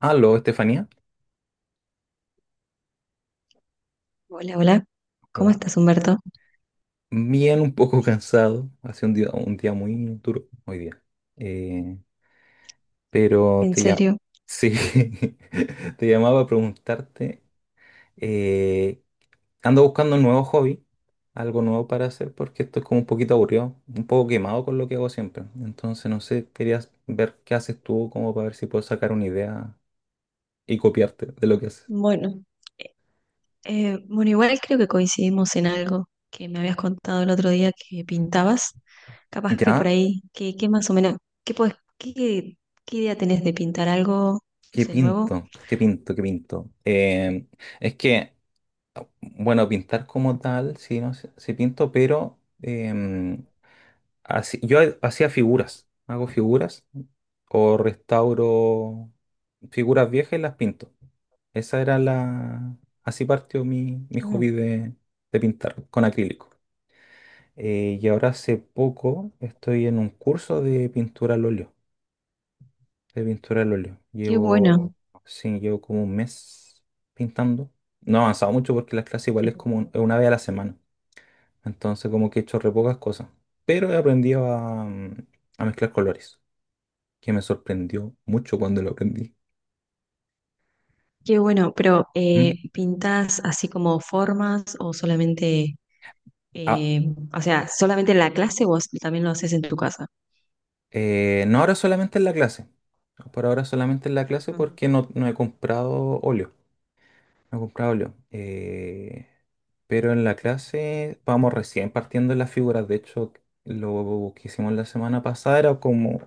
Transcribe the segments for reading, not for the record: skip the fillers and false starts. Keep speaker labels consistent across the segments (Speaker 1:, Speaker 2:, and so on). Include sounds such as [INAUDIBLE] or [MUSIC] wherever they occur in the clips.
Speaker 1: Aló, Estefanía.
Speaker 2: Hola, hola. ¿Cómo
Speaker 1: Hola.
Speaker 2: estás, Humberto?
Speaker 1: Bien, un poco [LAUGHS] cansado. Hace un día muy duro hoy día. Eh, pero
Speaker 2: ¿En serio?
Speaker 1: Sí, [LAUGHS] te llamaba a preguntarte. eh, ando buscando un nuevo hobby, algo nuevo para hacer, porque esto es como un poquito aburrido, un poco quemado con lo que hago siempre. Entonces, no sé, querías ver qué haces tú, como para ver si puedo sacar una idea y copiarte de lo que haces.
Speaker 2: Bueno, bueno, igual creo que coincidimos en algo que me habías contado el otro día que pintabas. Capaz que por
Speaker 1: ¿Ya?
Speaker 2: ahí, ¿qué más o menos, qué, podés- qué, qué idea tenés de pintar algo, no
Speaker 1: ¿Qué
Speaker 2: sé, nuevo?
Speaker 1: pinto? ¿Qué pinto? ¿Qué pinto? Es que. Bueno, pintar como tal, sí, no sé, sí pinto, pero hacía figuras, hago figuras o restauro figuras viejas y las pinto. Esa era la... Así partió mi hobby
Speaker 2: Mm.
Speaker 1: de pintar con acrílico. Y ahora hace poco estoy en un curso de pintura al óleo, de pintura al óleo.
Speaker 2: Qué bueno,
Speaker 1: Llevo, sí, llevo como un mes pintando. No he avanzado mucho porque las clases igual es
Speaker 2: eh,
Speaker 1: como una vez a la semana. Entonces como que he hecho re pocas cosas. Pero he aprendido a, a mezclar colores, que me sorprendió mucho cuando lo aprendí.
Speaker 2: qué bueno, pero
Speaker 1: ¿Mm?
Speaker 2: ¿pintás así como formas o solamente,
Speaker 1: Ah,
Speaker 2: eh, o sea, solamente en la clase o también lo haces en tu casa?
Speaker 1: no ahora solamente en la clase. Por ahora solamente en la clase
Speaker 2: Ajá.
Speaker 1: porque no he comprado óleo. No he comprado óleo. Pero en la clase vamos recién partiendo en las figuras. De hecho, lo que hicimos la semana pasada era como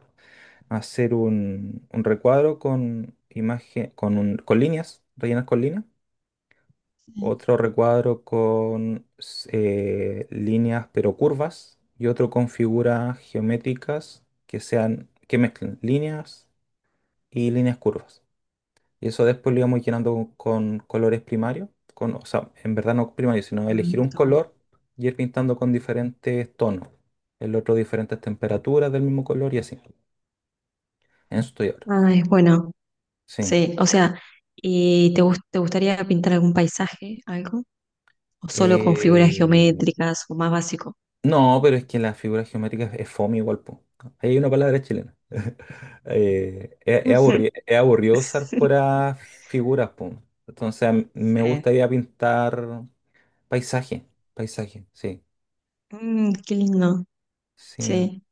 Speaker 1: hacer un recuadro con imagen, con, con líneas, rellenas con líneas
Speaker 2: Sí.
Speaker 1: otro recuadro con líneas pero curvas y otro con figuras geométricas que sean, que mezclen líneas y líneas curvas. Y eso después lo íbamos llenando con colores primarios, con, o sea, en verdad no primarios, sino elegir un
Speaker 2: Está bueno.
Speaker 1: color y ir pintando con diferentes tonos, el otro diferentes temperaturas del mismo color y así. En eso estoy ahora.
Speaker 2: Ah, es bueno.
Speaker 1: Sí.
Speaker 2: Sí, o sea, ¿y te gustaría pintar algún paisaje, algo? ¿O solo con figuras
Speaker 1: Eh,
Speaker 2: geométricas o más básico?
Speaker 1: no, pero es que las figuras geométricas es fome igual, po. Ahí hay una palabra chilena. [LAUGHS] Es
Speaker 2: Ujú.
Speaker 1: es aburrido usar
Speaker 2: [LAUGHS]
Speaker 1: puras figuras, po. Entonces a mí me
Speaker 2: Sí.
Speaker 1: gustaría pintar paisaje, paisaje, sí,
Speaker 2: Qué lindo.
Speaker 1: sí.
Speaker 2: Sí.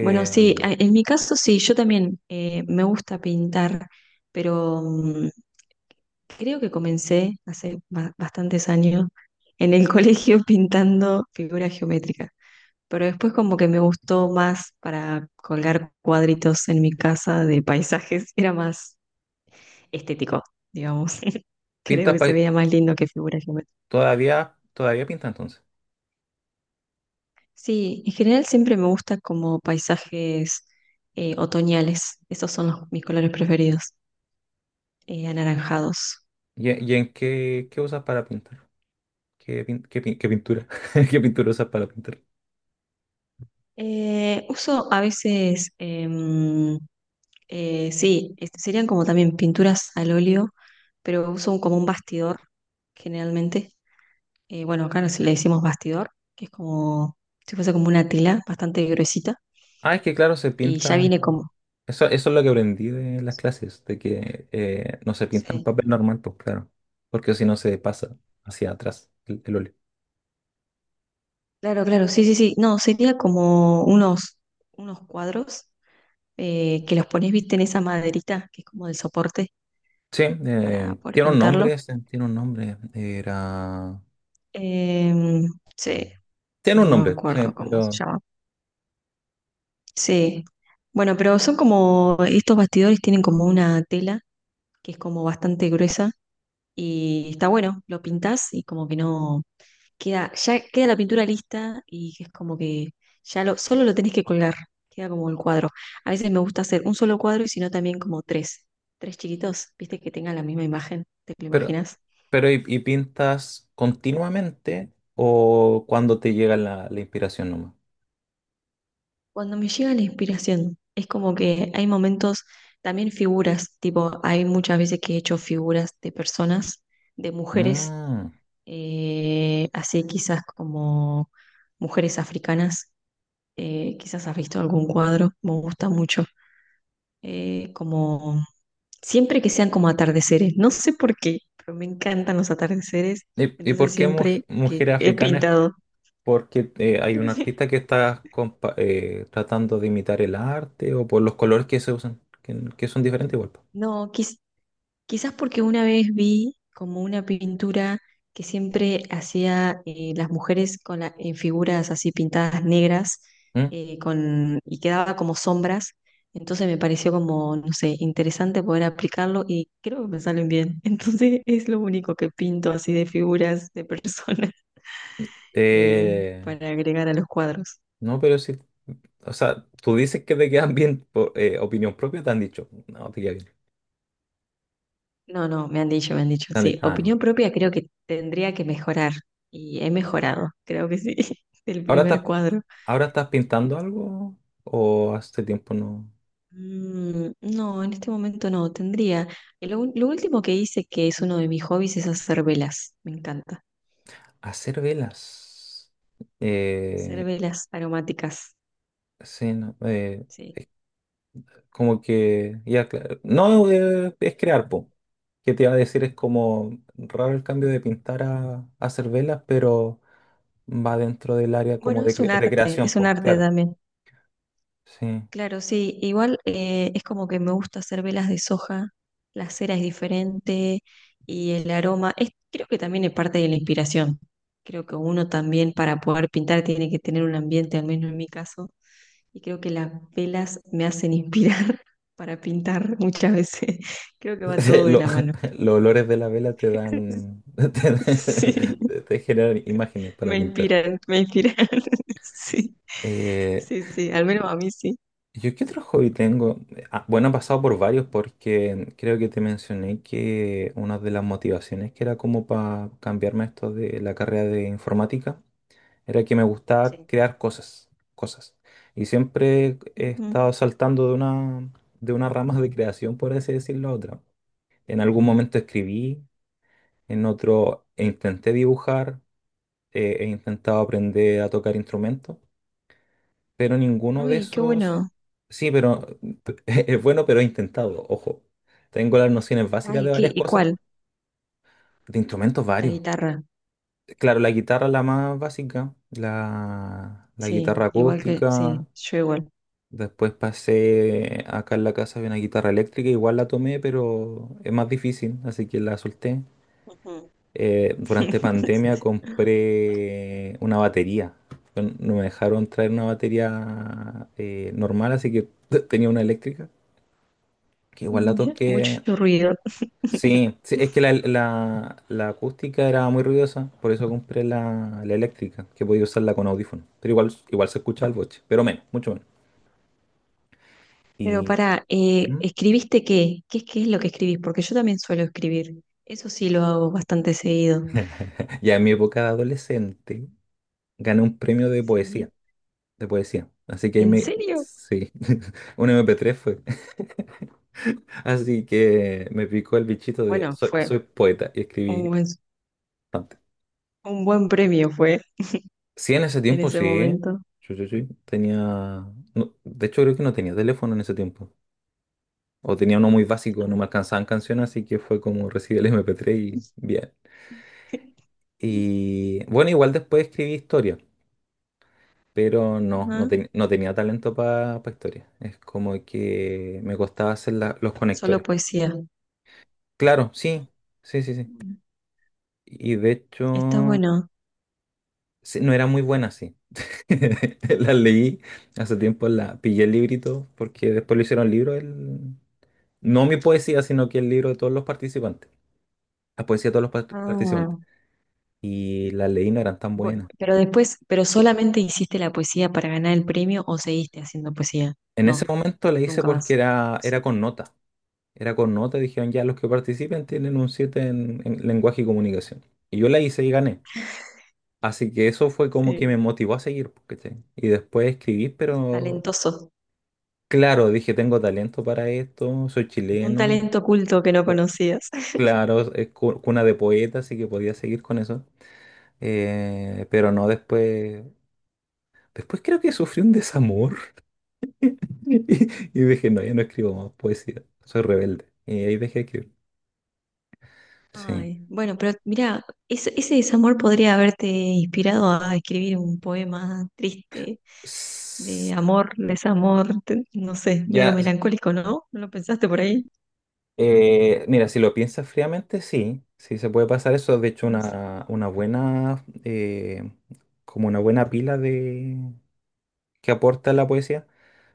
Speaker 2: Bueno, sí, en mi caso sí, yo también me gusta pintar, pero creo que comencé hace bastantes años en el [LAUGHS] colegio pintando figuras geométricas. Pero después como que me gustó más para colgar cuadritos en mi casa de paisajes, era más estético, digamos. [LAUGHS] Creo
Speaker 1: pintas
Speaker 2: que se
Speaker 1: pai-
Speaker 2: veía más lindo que figura geométrica.
Speaker 1: todavía, todavía pinta entonces.
Speaker 2: Sí, en general siempre me gusta como paisajes otoñales. Esos son mis colores preferidos, anaranjados.
Speaker 1: Y en qué, qué usas para pintar? ¿Qué pintura? [LAUGHS] ¿Qué pintura usas para pintar?
Speaker 2: Uso a veces, sí, este, serían como también pinturas al óleo, pero uso como un bastidor generalmente. Bueno, acá nos le decimos bastidor, que es como si fuese como una tela bastante gruesita
Speaker 1: Ah, es que claro, se
Speaker 2: y ya
Speaker 1: pintan.
Speaker 2: viene como.
Speaker 1: Eso es lo que aprendí de las clases, de que no se pinta en
Speaker 2: Sí.
Speaker 1: papel normal, pues claro, porque si no se pasa hacia atrás el óleo.
Speaker 2: Claro, claro, sí, sí, sí. No, sería como unos, unos cuadros que los pones, viste, en esa maderita, que es como de soporte
Speaker 1: Sí,
Speaker 2: para poder
Speaker 1: tiene un nombre,
Speaker 2: pintarlo.
Speaker 1: ese, tiene un nombre, era...
Speaker 2: Em, sí,
Speaker 1: Tiene un
Speaker 2: no me
Speaker 1: nombre, sí,
Speaker 2: acuerdo cómo se llama. Sí. Bueno, pero son como, estos bastidores tienen como una tela que es como bastante gruesa y está bueno, lo pintas y como que no, queda, ya queda la pintura lista y es como que ya lo, solo lo tenés que colgar, queda como el cuadro. A veces me gusta hacer un solo cuadro y si no también como tres chiquitos, viste que tengan la misma imagen, ¿te lo
Speaker 1: pero,
Speaker 2: imaginas?
Speaker 1: pero y pintas continuamente o cuando te llega la, la inspiración nomás?
Speaker 2: Cuando me llega la inspiración, es como que hay momentos, también figuras, tipo, hay muchas veces que he hecho figuras de personas, de mujeres,
Speaker 1: Mm.
Speaker 2: así quizás como mujeres africanas, quizás has visto algún cuadro, me gusta mucho. Como siempre que sean como atardeceres, no sé por qué, pero me encantan los atardeceres,
Speaker 1: Y
Speaker 2: entonces
Speaker 1: por qué
Speaker 2: siempre que
Speaker 1: mujer
Speaker 2: he
Speaker 1: africana es
Speaker 2: pintado.
Speaker 1: porque hay un
Speaker 2: [LAUGHS]
Speaker 1: artista que está tratando de imitar el arte o por los colores que se usan, que son diferentes igual. Po.
Speaker 2: No, quizás porque una vez vi como una pintura que siempre hacía las mujeres con en figuras así pintadas negras
Speaker 1: ¿Mm?
Speaker 2: y quedaba como sombras. Entonces me pareció como, no sé, interesante poder aplicarlo y creo que me salen bien. [LAUGHS] Entonces es lo único que pinto así de figuras de personas. eh,
Speaker 1: Eh,
Speaker 2: para agregar a los cuadros.
Speaker 1: no, pero sí, o sea, tú dices que te quedan bien por opinión propia, te han dicho, no, te queda bien.
Speaker 2: No, no, me han dicho, me han dicho.
Speaker 1: Te han
Speaker 2: Sí,
Speaker 1: dicho, "Ah, ya".
Speaker 2: opinión propia creo que tendría que mejorar y he mejorado, creo que sí, [LAUGHS] el
Speaker 1: Ahora
Speaker 2: primer
Speaker 1: estás,
Speaker 2: cuadro.
Speaker 1: ahora estás pintando algo o hace tiempo no.
Speaker 2: No, en este momento no, tendría. Lo último que hice, que es uno de mis hobbies, es hacer velas, me encanta.
Speaker 1: Hacer velas.
Speaker 2: Hacer
Speaker 1: Eh,
Speaker 2: velas aromáticas,
Speaker 1: sí, no,
Speaker 2: sí.
Speaker 1: como que, ya, claro. No, es crear, po. ¿Qué te iba a decir? Es como raro el cambio de pintar a hacer velas, pero va dentro del área como
Speaker 2: Bueno,
Speaker 1: de, de creación,
Speaker 2: es un
Speaker 1: pues,
Speaker 2: arte
Speaker 1: claro.
Speaker 2: también.
Speaker 1: Sí.
Speaker 2: Claro, sí, igual es como que me gusta hacer velas de soja, la cera es diferente y el aroma, creo que también es parte de la inspiración. Creo que uno también para poder pintar tiene que tener un ambiente, al menos en mi caso, y creo que las velas me hacen inspirar [LAUGHS] para pintar muchas veces. [LAUGHS] Creo que
Speaker 1: [LAUGHS]
Speaker 2: va
Speaker 1: Sí,
Speaker 2: todo de la mano.
Speaker 1: [LAUGHS] Los olores de la vela te
Speaker 2: [LAUGHS]
Speaker 1: dan, [LAUGHS] te,
Speaker 2: Sí,
Speaker 1: te generan imágenes para
Speaker 2: me
Speaker 1: pintar.
Speaker 2: inspiran, me inspiran. [LAUGHS] Sí,
Speaker 1: Eh,
Speaker 2: sí, sí, al menos a mí sí.
Speaker 1: ¿Yo qué otro hobby tengo? Ah, bueno, he pasado por varios porque creo que te mencioné que una de las motivaciones que era como para cambiarme esto de la carrera de informática era que me gustaba
Speaker 2: Sí.
Speaker 1: crear cosas, cosas. Y siempre he
Speaker 2: Ujú.
Speaker 1: estado saltando de una rama de creación, por así decirlo, a otra. En algún momento escribí, en otro intenté dibujar, he intentado aprender a tocar instrumentos, pero ninguno de
Speaker 2: Uy, qué
Speaker 1: esos...
Speaker 2: bueno.
Speaker 1: Sí, pero [LAUGHS] es bueno, pero he intentado, ojo. Tengo las nociones básicas
Speaker 2: Ay,
Speaker 1: de
Speaker 2: ¿qué?
Speaker 1: varias cosas,
Speaker 2: Igual,
Speaker 1: de instrumentos
Speaker 2: la
Speaker 1: varios.
Speaker 2: guitarra.
Speaker 1: Claro, la guitarra es la más básica, la
Speaker 2: Sí,
Speaker 1: guitarra
Speaker 2: igual que,
Speaker 1: acústica.
Speaker 2: sí, yo igual.
Speaker 1: Después pasé acá en la casa, había una guitarra eléctrica, igual la tomé, pero es más difícil, así que la solté.
Speaker 2: Ujú.
Speaker 1: Durante pandemia
Speaker 2: [LAUGHS]
Speaker 1: compré una batería. No, no me dejaron traer una batería normal, así que [LAUGHS] tenía una eléctrica, que igual la toqué.
Speaker 2: Mucho ruido.
Speaker 1: Sí, sí, es que la acústica era muy ruidosa, por eso compré la eléctrica, que podía usarla con audífono. Pero igual, igual se escucha el boche, pero menos, mucho menos.
Speaker 2: Pero
Speaker 1: Y... ¿Mm?
Speaker 2: ¿escribiste qué? ¿Qué es lo que escribís? Porque yo también suelo escribir. Eso sí lo hago bastante seguido.
Speaker 1: [LAUGHS] Ya en mi época de adolescente gané un premio de
Speaker 2: Sí,
Speaker 1: poesía, de poesía. Así que ahí
Speaker 2: ¿en
Speaker 1: me...
Speaker 2: serio?
Speaker 1: Sí, [LAUGHS] un MP3 fue. [LAUGHS] Así que me picó el bichito de
Speaker 2: Bueno,
Speaker 1: soy,
Speaker 2: fue
Speaker 1: soy poeta y
Speaker 2: un
Speaker 1: escribí
Speaker 2: buen,
Speaker 1: bastante.
Speaker 2: un buen premio fue
Speaker 1: Sí, en ese
Speaker 2: en
Speaker 1: tiempo
Speaker 2: ese
Speaker 1: sí.
Speaker 2: momento.
Speaker 1: Sí, sí, sí. Tenía... no, de hecho, creo que no tenía teléfono en ese tiempo. O tenía uno muy básico, no me
Speaker 2: Ah.
Speaker 1: alcanzaban canciones, así que fue como recibí el MP3 y bien.
Speaker 2: [LAUGHS]
Speaker 1: Y bueno, igual después escribí historia. Pero
Speaker 2: Ajá,
Speaker 1: no tenía talento para historia. Es como que me costaba hacer los
Speaker 2: solo
Speaker 1: conectores.
Speaker 2: poesía.
Speaker 1: Claro, sí, sí, sí, sí. Y de
Speaker 2: Está
Speaker 1: hecho,
Speaker 2: bueno.
Speaker 1: sí, no era muy buena así. [LAUGHS] La leí hace tiempo, la pillé el librito, porque después lo hicieron libro, el... no mi poesía, sino que el libro de todos los participantes, la poesía de todos los participantes.
Speaker 2: Ah,
Speaker 1: Y las leí no eran tan buenas.
Speaker 2: Pero después, ¿pero solamente hiciste la poesía para ganar el premio o seguiste haciendo poesía?
Speaker 1: En ese
Speaker 2: No,
Speaker 1: momento la hice
Speaker 2: nunca
Speaker 1: porque
Speaker 2: más.
Speaker 1: era, era
Speaker 2: Sí.
Speaker 1: con nota. Era con nota, dijeron ya los que participen tienen un 7 en lenguaje y comunicación. Y yo la hice y gané. Así que eso fue como que me
Speaker 2: Sí.
Speaker 1: motivó a seguir, pues, ¿cachai? Y después escribí, pero
Speaker 2: Talentoso.
Speaker 1: claro, dije, tengo talento para esto, soy
Speaker 2: Un
Speaker 1: chileno,
Speaker 2: talento oculto que no
Speaker 1: o-
Speaker 2: conocías. [LAUGHS]
Speaker 1: claro, es cuna de poetas, así que podía seguir con eso. Pero no después, después creo que sufrí un desamor [LAUGHS] y, y dije, no, ya no escribo más poesía, soy rebelde. Y ahí dejé de escribir. Sí.
Speaker 2: Ay, bueno, pero mira, ese desamor podría haberte inspirado a escribir un poema triste
Speaker 1: S-
Speaker 2: de amor, desamor, no sé, medio
Speaker 1: Ya,
Speaker 2: melancólico, ¿no? ¿No lo pensaste por ahí?
Speaker 1: Mira, si lo piensas fríamente, sí, sí se puede pasar eso. De hecho, una buena, como una buena pila de, que aporta la poesía.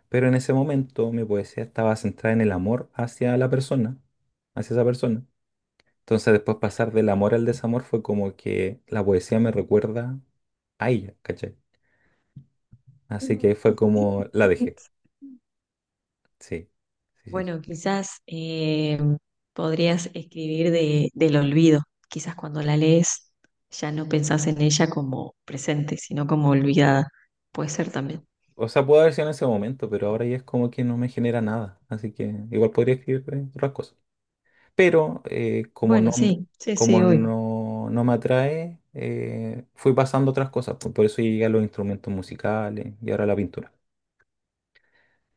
Speaker 1: Pero en ese momento mi poesía estaba centrada en el amor hacia la persona, hacia esa persona. Entonces después pasar del amor al desamor fue como que la poesía me recuerda a ella, ¿cachai? Así que fue como la dejé.
Speaker 2: [LAUGHS]
Speaker 1: Sí, sí, sí.
Speaker 2: Bueno, quizás podrías escribir del olvido. Quizás cuando la lees ya no pensás en ella como presente, sino como olvidada. Puede ser también.
Speaker 1: O sea, puedo haber sido en ese momento, pero ahora ya es como que no me genera nada. Así que igual podría escribir otras cosas. Pero
Speaker 2: Bueno, sí, sí, sí,
Speaker 1: como
Speaker 2: hoy.
Speaker 1: no, no me atrae, fui pasando otras cosas. Por eso llegué a los instrumentos musicales y ahora a la pintura.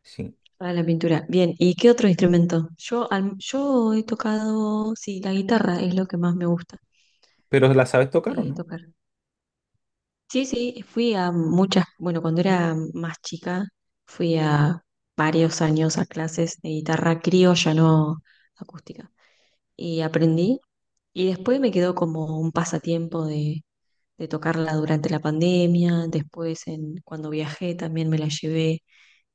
Speaker 1: Sí.
Speaker 2: Para la pintura. Bien, ¿y qué otro instrumento? Yo he tocado, sí, la guitarra es lo que más me gusta
Speaker 1: ¿Pero la sabes tocar o no?
Speaker 2: tocar. Sí, sí, fui a muchas, bueno, cuando era más chica, fui a varios años a clases de guitarra criolla, no acústica. Y aprendí. Y después me quedó como un pasatiempo de tocarla durante la pandemia, después cuando viajé también me la llevé,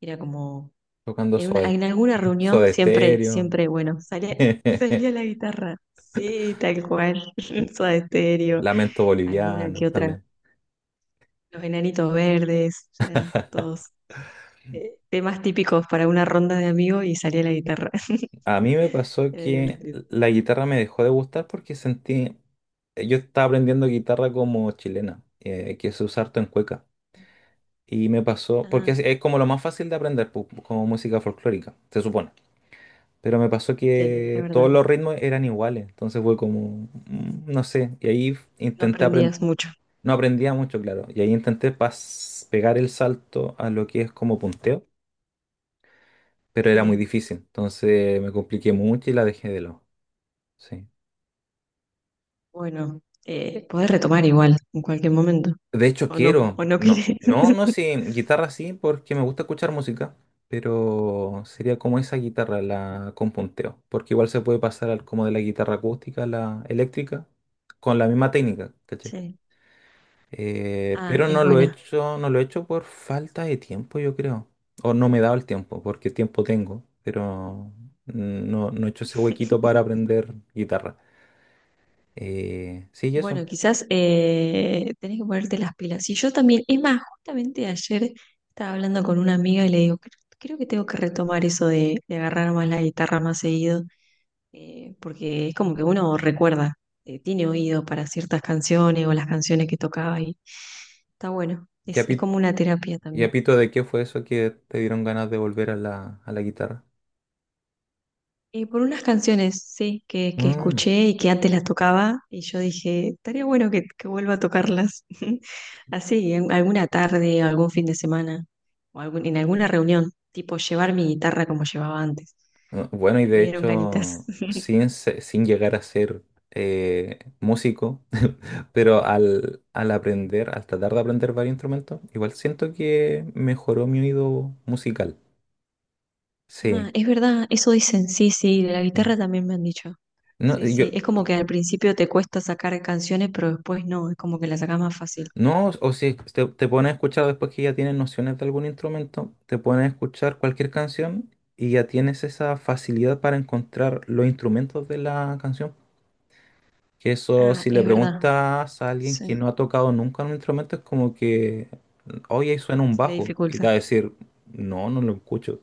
Speaker 2: era como,
Speaker 1: Tocando Soda,
Speaker 2: en alguna
Speaker 1: [LAUGHS]
Speaker 2: reunión
Speaker 1: Soda
Speaker 2: siempre,
Speaker 1: Stereo,
Speaker 2: siempre, bueno, salía,
Speaker 1: [LAUGHS]
Speaker 2: [LAUGHS] salía la guitarra, sí, tal cual, [LAUGHS] Soda Estéreo,
Speaker 1: Lamento
Speaker 2: alguna que
Speaker 1: Boliviano
Speaker 2: otra,
Speaker 1: también.
Speaker 2: Los Enanitos Verdes, eran todos temas típicos para una ronda de amigos y salía la guitarra, [LAUGHS]
Speaker 1: A mí me pasó
Speaker 2: era
Speaker 1: que
Speaker 2: divertido.
Speaker 1: la guitarra me dejó de gustar porque sentí, yo estaba aprendiendo guitarra como chilena, que se usa harto en cueca. Y me pasó, porque
Speaker 2: Ah,
Speaker 1: es como lo más fácil de aprender, como música folclórica, se supone. Pero me pasó
Speaker 2: sí, es
Speaker 1: que todos
Speaker 2: verdad.
Speaker 1: los ritmos eran iguales, entonces fue como, no sé, y ahí
Speaker 2: No
Speaker 1: intenté aprender,
Speaker 2: aprendías mucho.
Speaker 1: no aprendía mucho, claro, y ahí intenté pegar el salto a lo que es como punteo, pero era muy
Speaker 2: Sí.
Speaker 1: difícil, entonces me compliqué mucho y la dejé de lado. Sí.
Speaker 2: Bueno, retomar igual en cualquier momento.
Speaker 1: De hecho,
Speaker 2: O no,
Speaker 1: quiero.
Speaker 2: o no
Speaker 1: No,
Speaker 2: quieres.
Speaker 1: no, no, sí,
Speaker 2: [LAUGHS]
Speaker 1: guitarra sí, porque me gusta escuchar música, pero sería como esa guitarra, la con punteo, porque igual se puede pasar al, como de la guitarra acústica a la eléctrica con la misma técnica, ¿cachai?
Speaker 2: Sí. Ah,
Speaker 1: Pero
Speaker 2: es
Speaker 1: no lo he
Speaker 2: buena.
Speaker 1: hecho, no lo he hecho por falta de tiempo, yo creo. O no me he dado el tiempo, porque tiempo tengo, pero no he hecho ese huequito para
Speaker 2: [LAUGHS]
Speaker 1: aprender guitarra. Sí, y
Speaker 2: Bueno,
Speaker 1: eso.
Speaker 2: quizás tenés que ponerte las pilas. Y yo también, es más, justamente ayer estaba hablando con una amiga y le digo, creo que tengo que retomar eso de agarrar más la guitarra más seguido, porque es como que uno recuerda, tiene oído para ciertas canciones o las canciones que tocaba y está bueno.
Speaker 1: Ya.
Speaker 2: Es como una terapia
Speaker 1: Y a
Speaker 2: también.
Speaker 1: pito, ¿de qué fue eso que te dieron ganas de volver a la guitarra?
Speaker 2: Por unas canciones, sí, que
Speaker 1: Mm.
Speaker 2: escuché y que antes las tocaba, y yo dije, estaría bueno que vuelva a tocarlas. [LAUGHS] Así, en alguna tarde, algún fin de semana, o en alguna reunión, tipo llevar mi guitarra como llevaba antes.
Speaker 1: No, bueno, y
Speaker 2: Me
Speaker 1: de
Speaker 2: dieron ganitas.
Speaker 1: hecho,
Speaker 2: [LAUGHS]
Speaker 1: sin llegar a ser músico, [LAUGHS] pero al aprender, al tratar de aprender varios instrumentos, igual siento que mejoró mi oído musical.
Speaker 2: Ah,
Speaker 1: Sí.
Speaker 2: es verdad, eso dicen, sí, sí, de la
Speaker 1: Mm.
Speaker 2: guitarra también me han dicho.
Speaker 1: No,
Speaker 2: Sí,
Speaker 1: yo,
Speaker 2: sí, es como que al principio te cuesta sacar canciones, pero después no, es como que las sacas más fácil.
Speaker 1: no, o si te pones a escuchar después que ya tienes nociones de algún instrumento, te pones a escuchar cualquier canción y ya tienes esa facilidad para encontrar los instrumentos de la canción. Que eso,
Speaker 2: Ah,
Speaker 1: si le
Speaker 2: es verdad,
Speaker 1: preguntas a alguien que
Speaker 2: sí,
Speaker 1: no ha tocado nunca un instrumento, es como que, oye, ahí suena un
Speaker 2: se le
Speaker 1: bajo. Y te
Speaker 2: dificulta.
Speaker 1: va a decir, no, no lo escucho.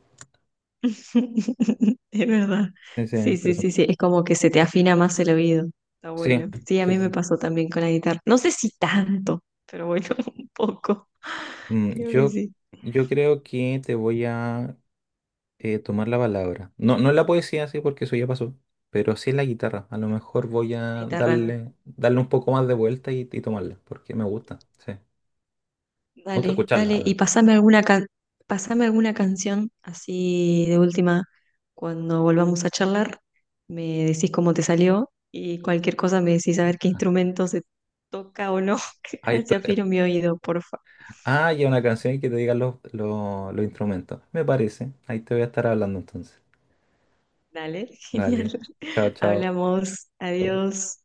Speaker 2: [LAUGHS] Es verdad.
Speaker 1: Sí, sí,
Speaker 2: Sí, sí, sí,
Speaker 1: interesante.
Speaker 2: sí. Es como que se te afina más el oído. Está
Speaker 1: Sí,
Speaker 2: bueno. Sí, a
Speaker 1: sí,
Speaker 2: mí
Speaker 1: sí. Sí.
Speaker 2: me pasó también con la guitarra. No sé si tanto, pero bueno, [LAUGHS] un poco.
Speaker 1: Mm,
Speaker 2: Creo que
Speaker 1: yo,
Speaker 2: sí.
Speaker 1: yo creo que te voy a tomar la palabra. No, no en la poesía, sí, porque eso ya pasó, pero sí en la guitarra. A lo mejor voy
Speaker 2: La
Speaker 1: a
Speaker 2: guitarra.
Speaker 1: darle, darle un poco más de vuelta y tomarla, porque me gusta, sí. Me gusta
Speaker 2: Dale,
Speaker 1: escucharla,
Speaker 2: dale.
Speaker 1: al
Speaker 2: Y
Speaker 1: menos.
Speaker 2: pasame alguna canción así de última cuando volvamos a charlar. Me decís cómo te salió y cualquier cosa me decís a ver qué instrumento se toca o no. [LAUGHS]
Speaker 1: Ahí
Speaker 2: Así
Speaker 1: estoy,
Speaker 2: afino mi oído, por favor.
Speaker 1: ah, ya una canción y que te digan los instrumentos. Me parece. Ahí te voy a estar hablando entonces.
Speaker 2: Dale, [LAUGHS]
Speaker 1: Vale.
Speaker 2: genial.
Speaker 1: Chao, chao.
Speaker 2: Hablamos.
Speaker 1: Chao.
Speaker 2: Adiós.